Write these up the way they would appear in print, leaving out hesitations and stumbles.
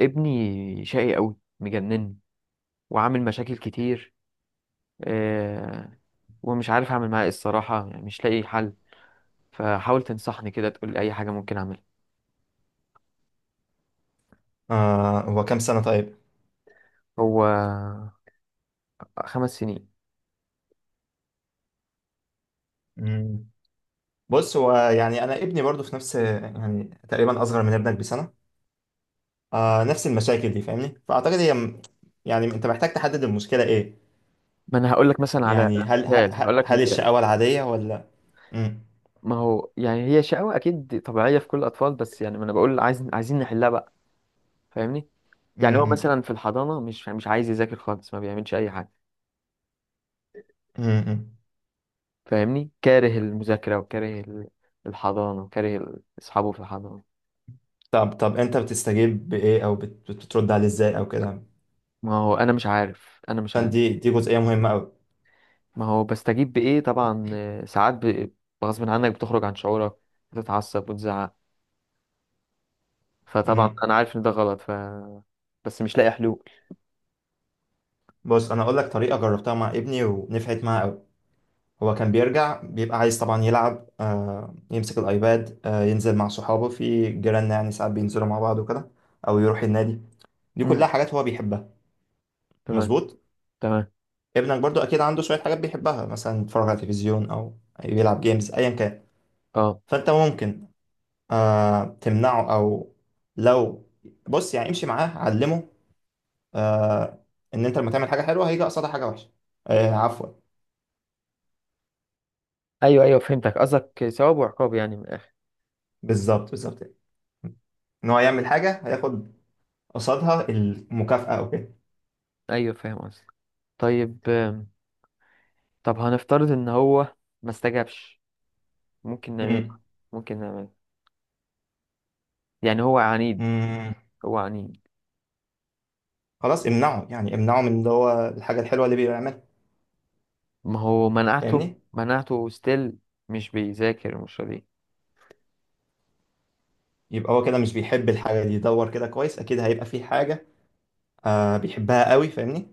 ابني شقي قوي مجنني وعامل مشاكل كتير، آه ومش عارف اعمل معاه ايه الصراحه، يعني مش لاقي حل. فحاول تنصحني كده، تقول لي اي حاجه ممكن اعملها. هو كام سنة طيب؟ هو خمس سنين. مم. بص هو يعني أنا ابني برضو في نفس، يعني تقريبا أصغر من ابنك بسنة. نفس المشاكل دي فاهمني؟ فأعتقد يعني أنت محتاج تحدد المشكلة إيه؟ ما انا هقول لك مثلا يعني هل ه- مثال، هقول ه- لك هل مثال. الشقاوة العادية ولا؟ مم. ما هو يعني هي شقاوة اكيد طبيعيه في كل الاطفال، بس يعني ما انا بقول عايزين نحلها بقى. فاهمني. مم. يعني هو مم. مثلا في الحضانه مش عايز يذاكر خالص، ما بيعملش اي حاجه. مم. مم. فاهمني، كاره المذاكره وكاره الحضانه، وكاره اصحابه في الحضانه. طب، أنت بتستجيب بإيه أو بترد عليه إزاي أو كده؟ ما هو انا مش عارف. فدي دي دي جزئية مهمة أوي. ما هو بستجيب بايه، طبعا، ساعات غصب عنك بتخرج عن شعورك، بتتعصب وتزعق. فطبعا مم. انا عارف ان ده غلط، بس مش لاقي حلول. بص، أنا أقول لك طريقة جربتها مع ابني ونفعت معاه أوي. هو كان بيرجع بيبقى عايز طبعا يلعب، يمسك الأيباد، ينزل مع صحابه في جيراننا، يعني ساعات بينزلوا مع بعض وكده، أو يروح النادي. دي امم، كلها حاجات هو بيحبها. تمام، مظبوط. تمام. ابنك برضو أكيد عنده شوية حاجات بيحبها، مثلا يتفرج على التلفزيون أو يلعب جيمز أيا كان. اه. فأنت ممكن تمنعه، أو لو، بص يعني، امشي معاه علمه آه، إن أنت لما تعمل حاجة حلوة هيجي قصادها حاجة وحشة. عفوا. ايوه، ايوه، فهمتك قصدك ثواب وعقاب يعني، من الاخر. بالظبط، بالظبط. ان هو يعمل حاجه هياخد قصادها المكافاه او كده. ايوه، فاهم قصدك. طيب، طب هنفترض ان هو ما استجابش، ممكن نعمل ايه امم ممكن نعمل إيه؟ يعني هو عنيد. امم هو عنيد. خلاص امنعه، يعني امنعه من اللي هو الحاجة الحلوة اللي بيعملها. ما هو منعته. فاهمني. منعته ستيل، مش بيذاكر، مش راضي. يبقى هو كده مش بيحب الحاجة دي. يدور كده كويس، اكيد هيبقى في حاجة بيحبها قوي. فاهمني.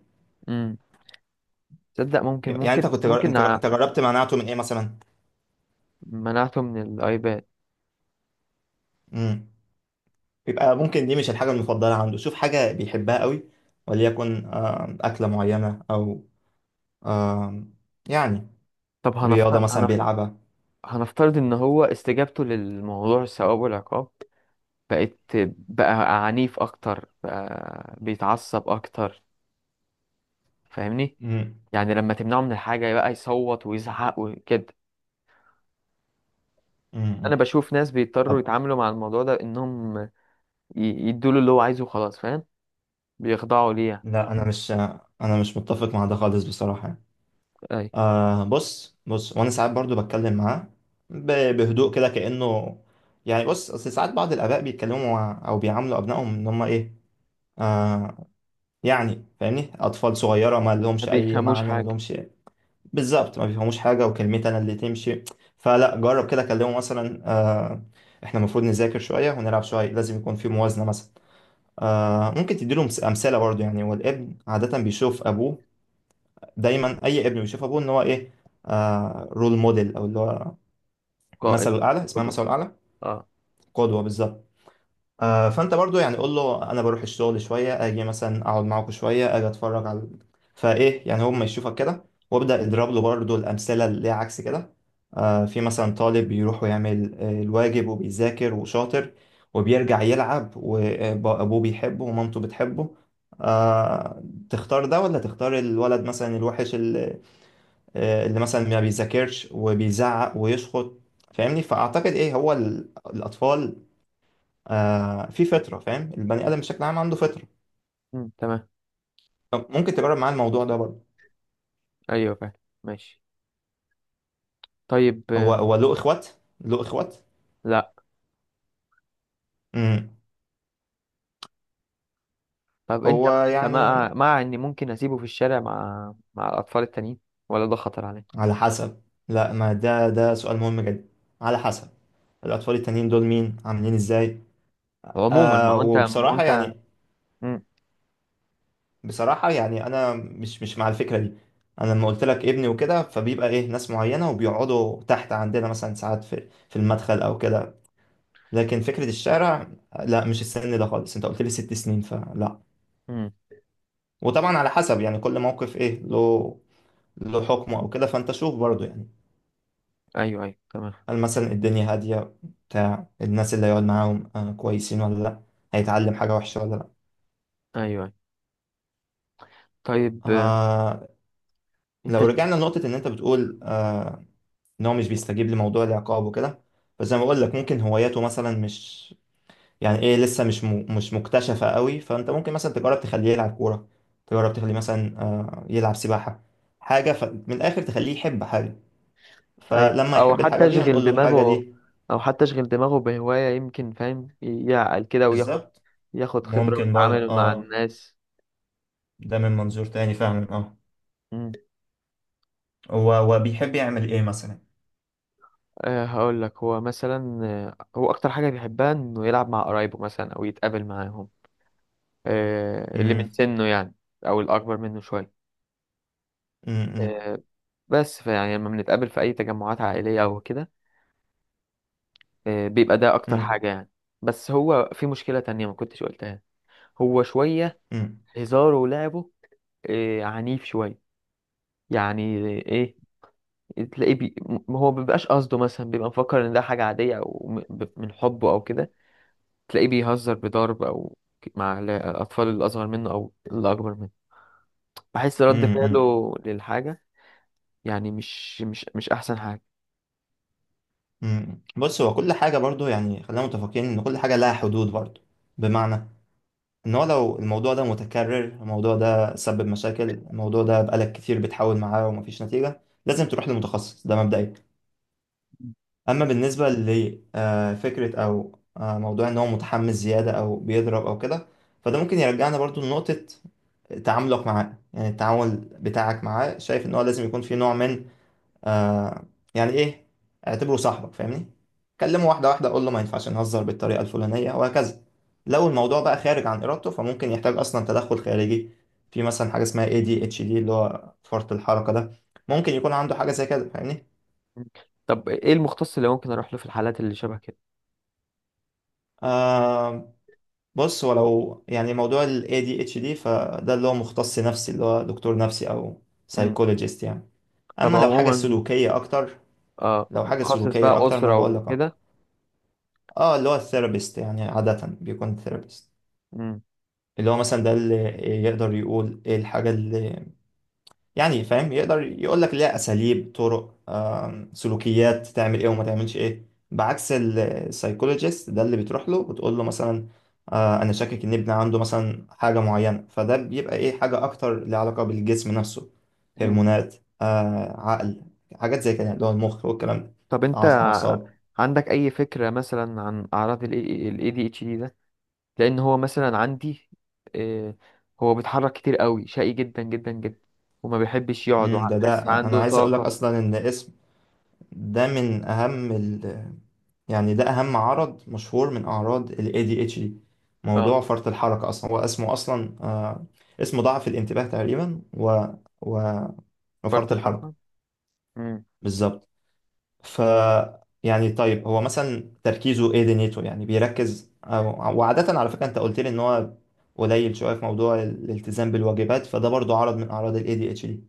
تصدق، يعني انت كنت جر... ممكن انت انت جربت منعته من ايه مثلا؟ منعته من الايباد. امم يبقى ممكن دي مش الحاجة المفضلة عنده. شوف حاجة بيحبها قوي، وليكن أكلة معينة، او آه يعني طب رياضة مثلا بيلعبها. هنفترض ان هو استجابته للموضوع الثواب والعقاب، بقت بقى عنيف اكتر، بقى بيتعصب اكتر. فاهمني. امم يعني لما تمنعه من الحاجة، بقى يصوت ويزعق وكده. انا أمم. بشوف ناس بيضطروا طب يتعاملوا مع الموضوع ده انهم يدوله اللي هو عايزه، خلاص فاهم، بيخضعوا ليه يعني. لا، انا مش متفق مع ده خالص بصراحة. اي. بص، بص وانا ساعات برضو بتكلم معاه بهدوء كده كأنه، يعني بص اصل ساعات بعض الآباء بيتكلموا مع او بيعاملوا ابنائهم ان هم ايه، آه يعني فاهمني، اطفال صغيرة ما ما لهمش اي بيفهموش معنى، ما حاجة. لهمش. بالظبط، ما بيفهموش حاجة، وكلمتي انا اللي تمشي. فلا، جرب كده، كلمه مثلا احنا المفروض نذاكر شوية ونلعب شوية، لازم يكون في موازنة مثلا. ممكن تديله امثلة برضو، يعني، والابن عادة بيشوف ابوه. دايما اي ابن بيشوف ابوه ان هو ايه، رول موديل، او اللي هو قائد. مثله الاعلى. اسمها قدوة. مثله الاعلى. اه. قدوه بالظبط. فانت برضو يعني، قول له انا بروح الشغل شويه، اجي مثلا اقعد معاكم شويه، اجي اتفرج على فايه، يعني هو ما يشوفك كده. وابدا اضرب له برضو الامثله اللي هي عكس كده. في مثلا طالب بيروح ويعمل الواجب وبيذاكر وشاطر، وبيرجع يلعب وابوه بيحبه ومامته بتحبه، آه تختار ده ولا تختار الولد مثلا الوحش اللي مثلا ما بيذاكرش وبيزعق ويشخط. فاهمني. فاعتقد ايه، هو الاطفال في فطره. فاهم، البني ادم بشكل عام عنده فطره. أمم، تمام. طب ممكن تجرب معاه الموضوع ده برضه. ايوه، فاهم. ماشي. طيب، هو هو له اخوات؟ له اخوات؟ لا. امم طب انت هو انت يعني، مع اني ممكن اسيبه في الشارع مع الاطفال التانيين، ولا ده خطر عليه؟ على حسب. لا، ما ده سؤال مهم جدا. على حسب، الاطفال التانيين دول مين عاملين ازاي؟ عموما، ما هو وبصراحه انت. يعني، مم. بصراحة يعني أنا مش مع الفكرة دي. أنا لما قلت لك ابني وكده، فبيبقى إيه، ناس معينة وبيقعدوا تحت عندنا مثلا ساعات في المدخل أو كده. لكن فكرة الشارع، لا، مش السن ده خالص، أنت قلت لي 6 سنين، فلا. مم. وطبعا على حسب، يعني كل موقف إيه له حكمه أو كده. فأنت شوف برضه، يعني ايوه، ايوه، تمام. هل مثلا الدنيا هادية، بتاع الناس اللي هيقعد معاهم كويسين ولا لا؟ هيتعلم حاجة وحشة ولا لا؟ ايوه، ايوه. طيب، آه انت لو ش- رجعنا لنقطة إن أنت بتقول ان هو مش بيستجيب لموضوع العقاب وكده. فزي ما بقول لك، ممكن هواياته مثلا مش، يعني ايه، لسه مش مكتشفة قوي. فانت ممكن مثلا تجرب تخليه يلعب كورة، تجرب تخليه مثلا يلعب سباحة. من الاخر، تخليه يحب حاجة. ايوه، فلما يحب الحاجة دي، هنقول له الحاجة دي. او حتى اشغل دماغه بهواية، يمكن فاهم يعقل كده، وياخد بالظبط. خبرة ممكن برضه ويتعامل مع اه. الناس. ده من منظور تاني فعلا اه. مم. هو بيحب يعمل ايه مثلا؟ أه، هقول لك، هو مثلا هو اكتر حاجة بيحبها انه يلعب مع قرايبه مثلا او يتقابل معاهم. أه، اللي من امم سنه يعني، او الاكبر منه شوية. امم آه، بس فيعني لما بنتقابل في أي تجمعات عائلية أو كده، بيبقى ده أكتر امم حاجة يعني. بس هو في مشكلة تانية ما كنتش قلتها. هو شوية هزاره ولعبه عنيف شوية يعني، إيه، تلاقيه هو مبيبقاش قصده، مثلا بيبقى مفكر إن ده حاجة عادية، أو من حبه أو كده. تلاقيه بيهزر بضرب أو مع الأطفال الأصغر منه أو الأكبر منه. بحس رد امم فعله للحاجة يعني، مش أحسن حاجة. مم. بص، هو كل حاجة برضو، يعني خلينا متفقين إن كل حاجة لها حدود برضو. بمعنى إن هو لو الموضوع ده متكرر، الموضوع ده سبب مشاكل، الموضوع ده بقالك كتير بتحاول معاه ومفيش نتيجة، لازم تروح لمتخصص. ده مبدئيا. أما بالنسبة لفكرة أو موضوع إن هو متحمس زيادة أو بيضرب أو كده، فده ممكن يرجعنا برضو لنقطة تعاملك معاه، يعني التعامل بتاعك معاه. شايف إن هو لازم يكون في نوع من، آه يعني ايه، اعتبره صاحبك. فاهمني. كلمه واحده واحده، قول له ما ينفعش نهزر بالطريقه الفلانيه وهكذا. لو الموضوع بقى خارج عن ارادته، فممكن يحتاج اصلا تدخل خارجي. في مثلا حاجه اسمها اي دي اتش دي، اللي هو فرط الحركه ده. ممكن يكون عنده حاجه زي كده فاهمني. طب إيه المختص اللي ممكن أروح له في الحالات اللي شبه كده؟ آه بص، هو لو يعني موضوع ال ADHD، فده اللي هو مختص نفسي، اللي هو دكتور نفسي أو سايكولوجيست يعني. طب أما لو حاجة عموما، سلوكية أكتر، آه، لو حاجة متخصص سلوكية بقى أكتر، ما أنا أسرة بقول لك، وكده. اه، اللي هو الثيرابيست، يعني عادة بيكون ثيرابيست، مم. اللي هو مثلا ده اللي يقدر يقول ايه الحاجة اللي، يعني فاهم، يقدر يقول لك ليها أساليب، طرق، سلوكيات، تعمل ايه وما تعملش ايه. بعكس السايكولوجيست ده، اللي بتروح له وتقول له مثلا أنا شاكك إن ابني عنده مثلا حاجة معينة. فده بيبقى ايه، حاجة أكتر ليها علاقة بالجسم نفسه، مم. هرمونات، عقل، حاجات زي كده اللي هو المخ والكلام، ده طب أنت الأعصاب. عندك أي فكرة مثلا عن أعراض ال ADHD ده؟ لأن هو مثلا عندي، آه هو بيتحرك كتير قوي، شقي جدا جدا جدا، وما بيحبش يقعد، مم، ده وحس أنا عنده عايز أقول لك طاقة. أصلا إن اسم، ده من أهم يعني ده أهم عرض مشهور من أعراض ال ADHD. اه، موضوع فرط الحركة أصلا، هو اسمه أصلا اسمه ضعف الانتباه تقريبا و... فرط وفرط الحركة. الحركة. مم. بالظبط. ف يعني طيب، هو مثلا تركيزه ايه، دنيته يعني بيركز وعادة على فكرة أنت قلت لي إن هو قليل شوية في موضوع الالتزام بالواجبات، فده برضو عرض من أعراض ال ADHD.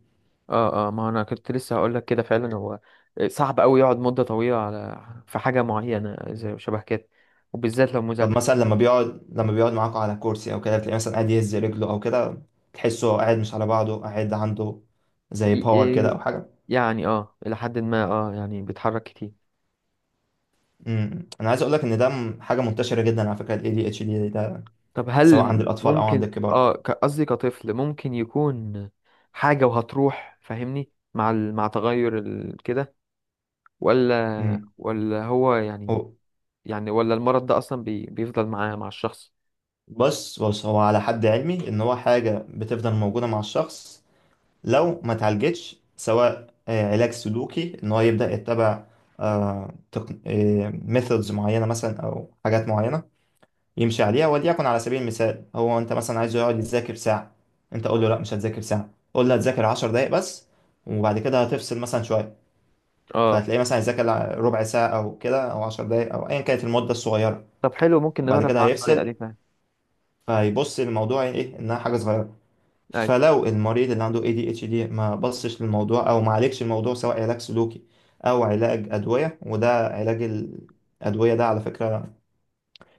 اه، اه، ما أنا كنت لسه هقول لك كده فعلا، هو صعب قوي يقعد مدة طويلة على في حاجة معينة زي شبه كده، وبالذات لو طب مثلا مذاكرة. لما بيقعد معاكوا على كرسي او كده، بتلاقيه مثلا قاعد يهز رجله او كده. تحسه قاعد مش على بعضه، قاعد عنده زي إيه، باور كده إيه، او حاجه. يعني الى حد ما، يعني بيتحرك كتير. انا عايز اقول لك ان حاجه منتشره جدا على فكره. الاي دي اتش دي ده طب سواء عند هل الاطفال او عند ممكن الكبار. قصدي كطفل ممكن يكون حاجة وهتروح، فاهمني، مع مع تغير كده، امم ولا هو يعني، هو، يعني ولا المرض ده اصلا بيفضل معاه مع الشخص. بص بص هو، على حد علمي ان هو حاجه بتفضل موجوده مع الشخص لو ما اتعالجتش. سواء علاج سلوكي، ان هو يبدا يتبع ميثودز معينه مثلا، او حاجات معينه يمشي عليها. وليكن على سبيل المثال، هو انت مثلا عايزه يقعد يذاكر ساعة. انت قول له تمام. لا، مش هتذاكر ساعة، قول له هتذاكر 10 دقايق بس، وبعد كده هتفصل مثلا شوية. اه. فهتلاقيه مثلا هيذاكر ربع ساعة أو كده، أو 10 دقايق، أو أيا كانت المدة الصغيرة. طب حلو، ممكن وبعد نجرب كده مع الطريقة هيفصل. دي فاهم. فهيبص للموضوع إيه، إنها حاجة صغيرة. ايوه. فلو المريض اللي عنده ADHD ما بصش للموضوع أو ما عالجش الموضوع، سواء علاج سلوكي أو علاج أدوية. وده علاج الأدوية، ده على فكرة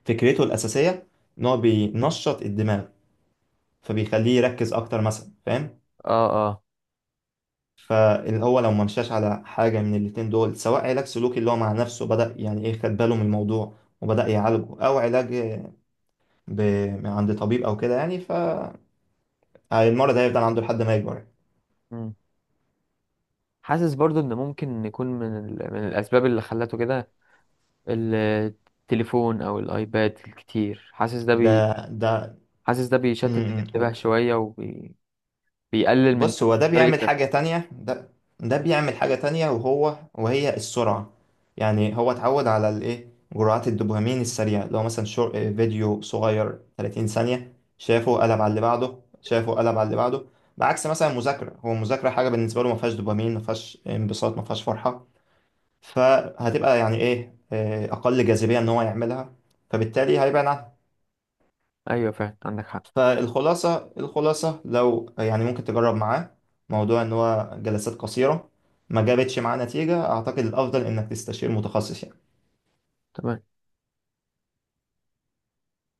فكرته الأساسية إن هو بينشط الدماغ، فبيخليه يركز اكتر مثلا، فاهم. اه، اه. فهو لو منشاش على حاجه من الاتنين دول، سواء علاج سلوكي اللي هو مع نفسه، بدأ يعني ايه خد باله من الموضوع وبدأ يعالجه، او ب... من عند طبيب او كده، يعني فالمرض هيفضل عنده لحد ما يكبر. مم. حاسس برضو ان ممكن يكون من من الاسباب اللي خلته كده، التليفون او الايباد الكتير، حاسس ده ده ده حاسس ده بيشتت م- الانتباه م. شوية، وبيقلل من بص، هو ده طريقة بيعمل حاجة تفكير. تانية. ده ده بيعمل حاجة تانية، وهي السرعة. يعني هو اتعود على الايه جرعات الدوبامين السريعة، لو مثلا فيديو صغير 30 ثانية شافه قلب على اللي بعده، شافه قلب على اللي بعده. بعكس مثلا مذاكرة، هو المذاكرة حاجة بالنسبة له ما فيهاش دوبامين، ما فيهاش انبساط، ما فيهاش فرحة، فهتبقى يعني ايه أقل جاذبية إن هو يعملها، فبالتالي هيبعد عنها. أيوة، فعلا عندك حق. فالخلاصة، الخلاصة، لو يعني ممكن تجرب معاه موضوع ان هو جلسات قصيرة. ما جابتش معاه نتيجة، اعتقد الافضل انك تستشير متخصص يعني. تمام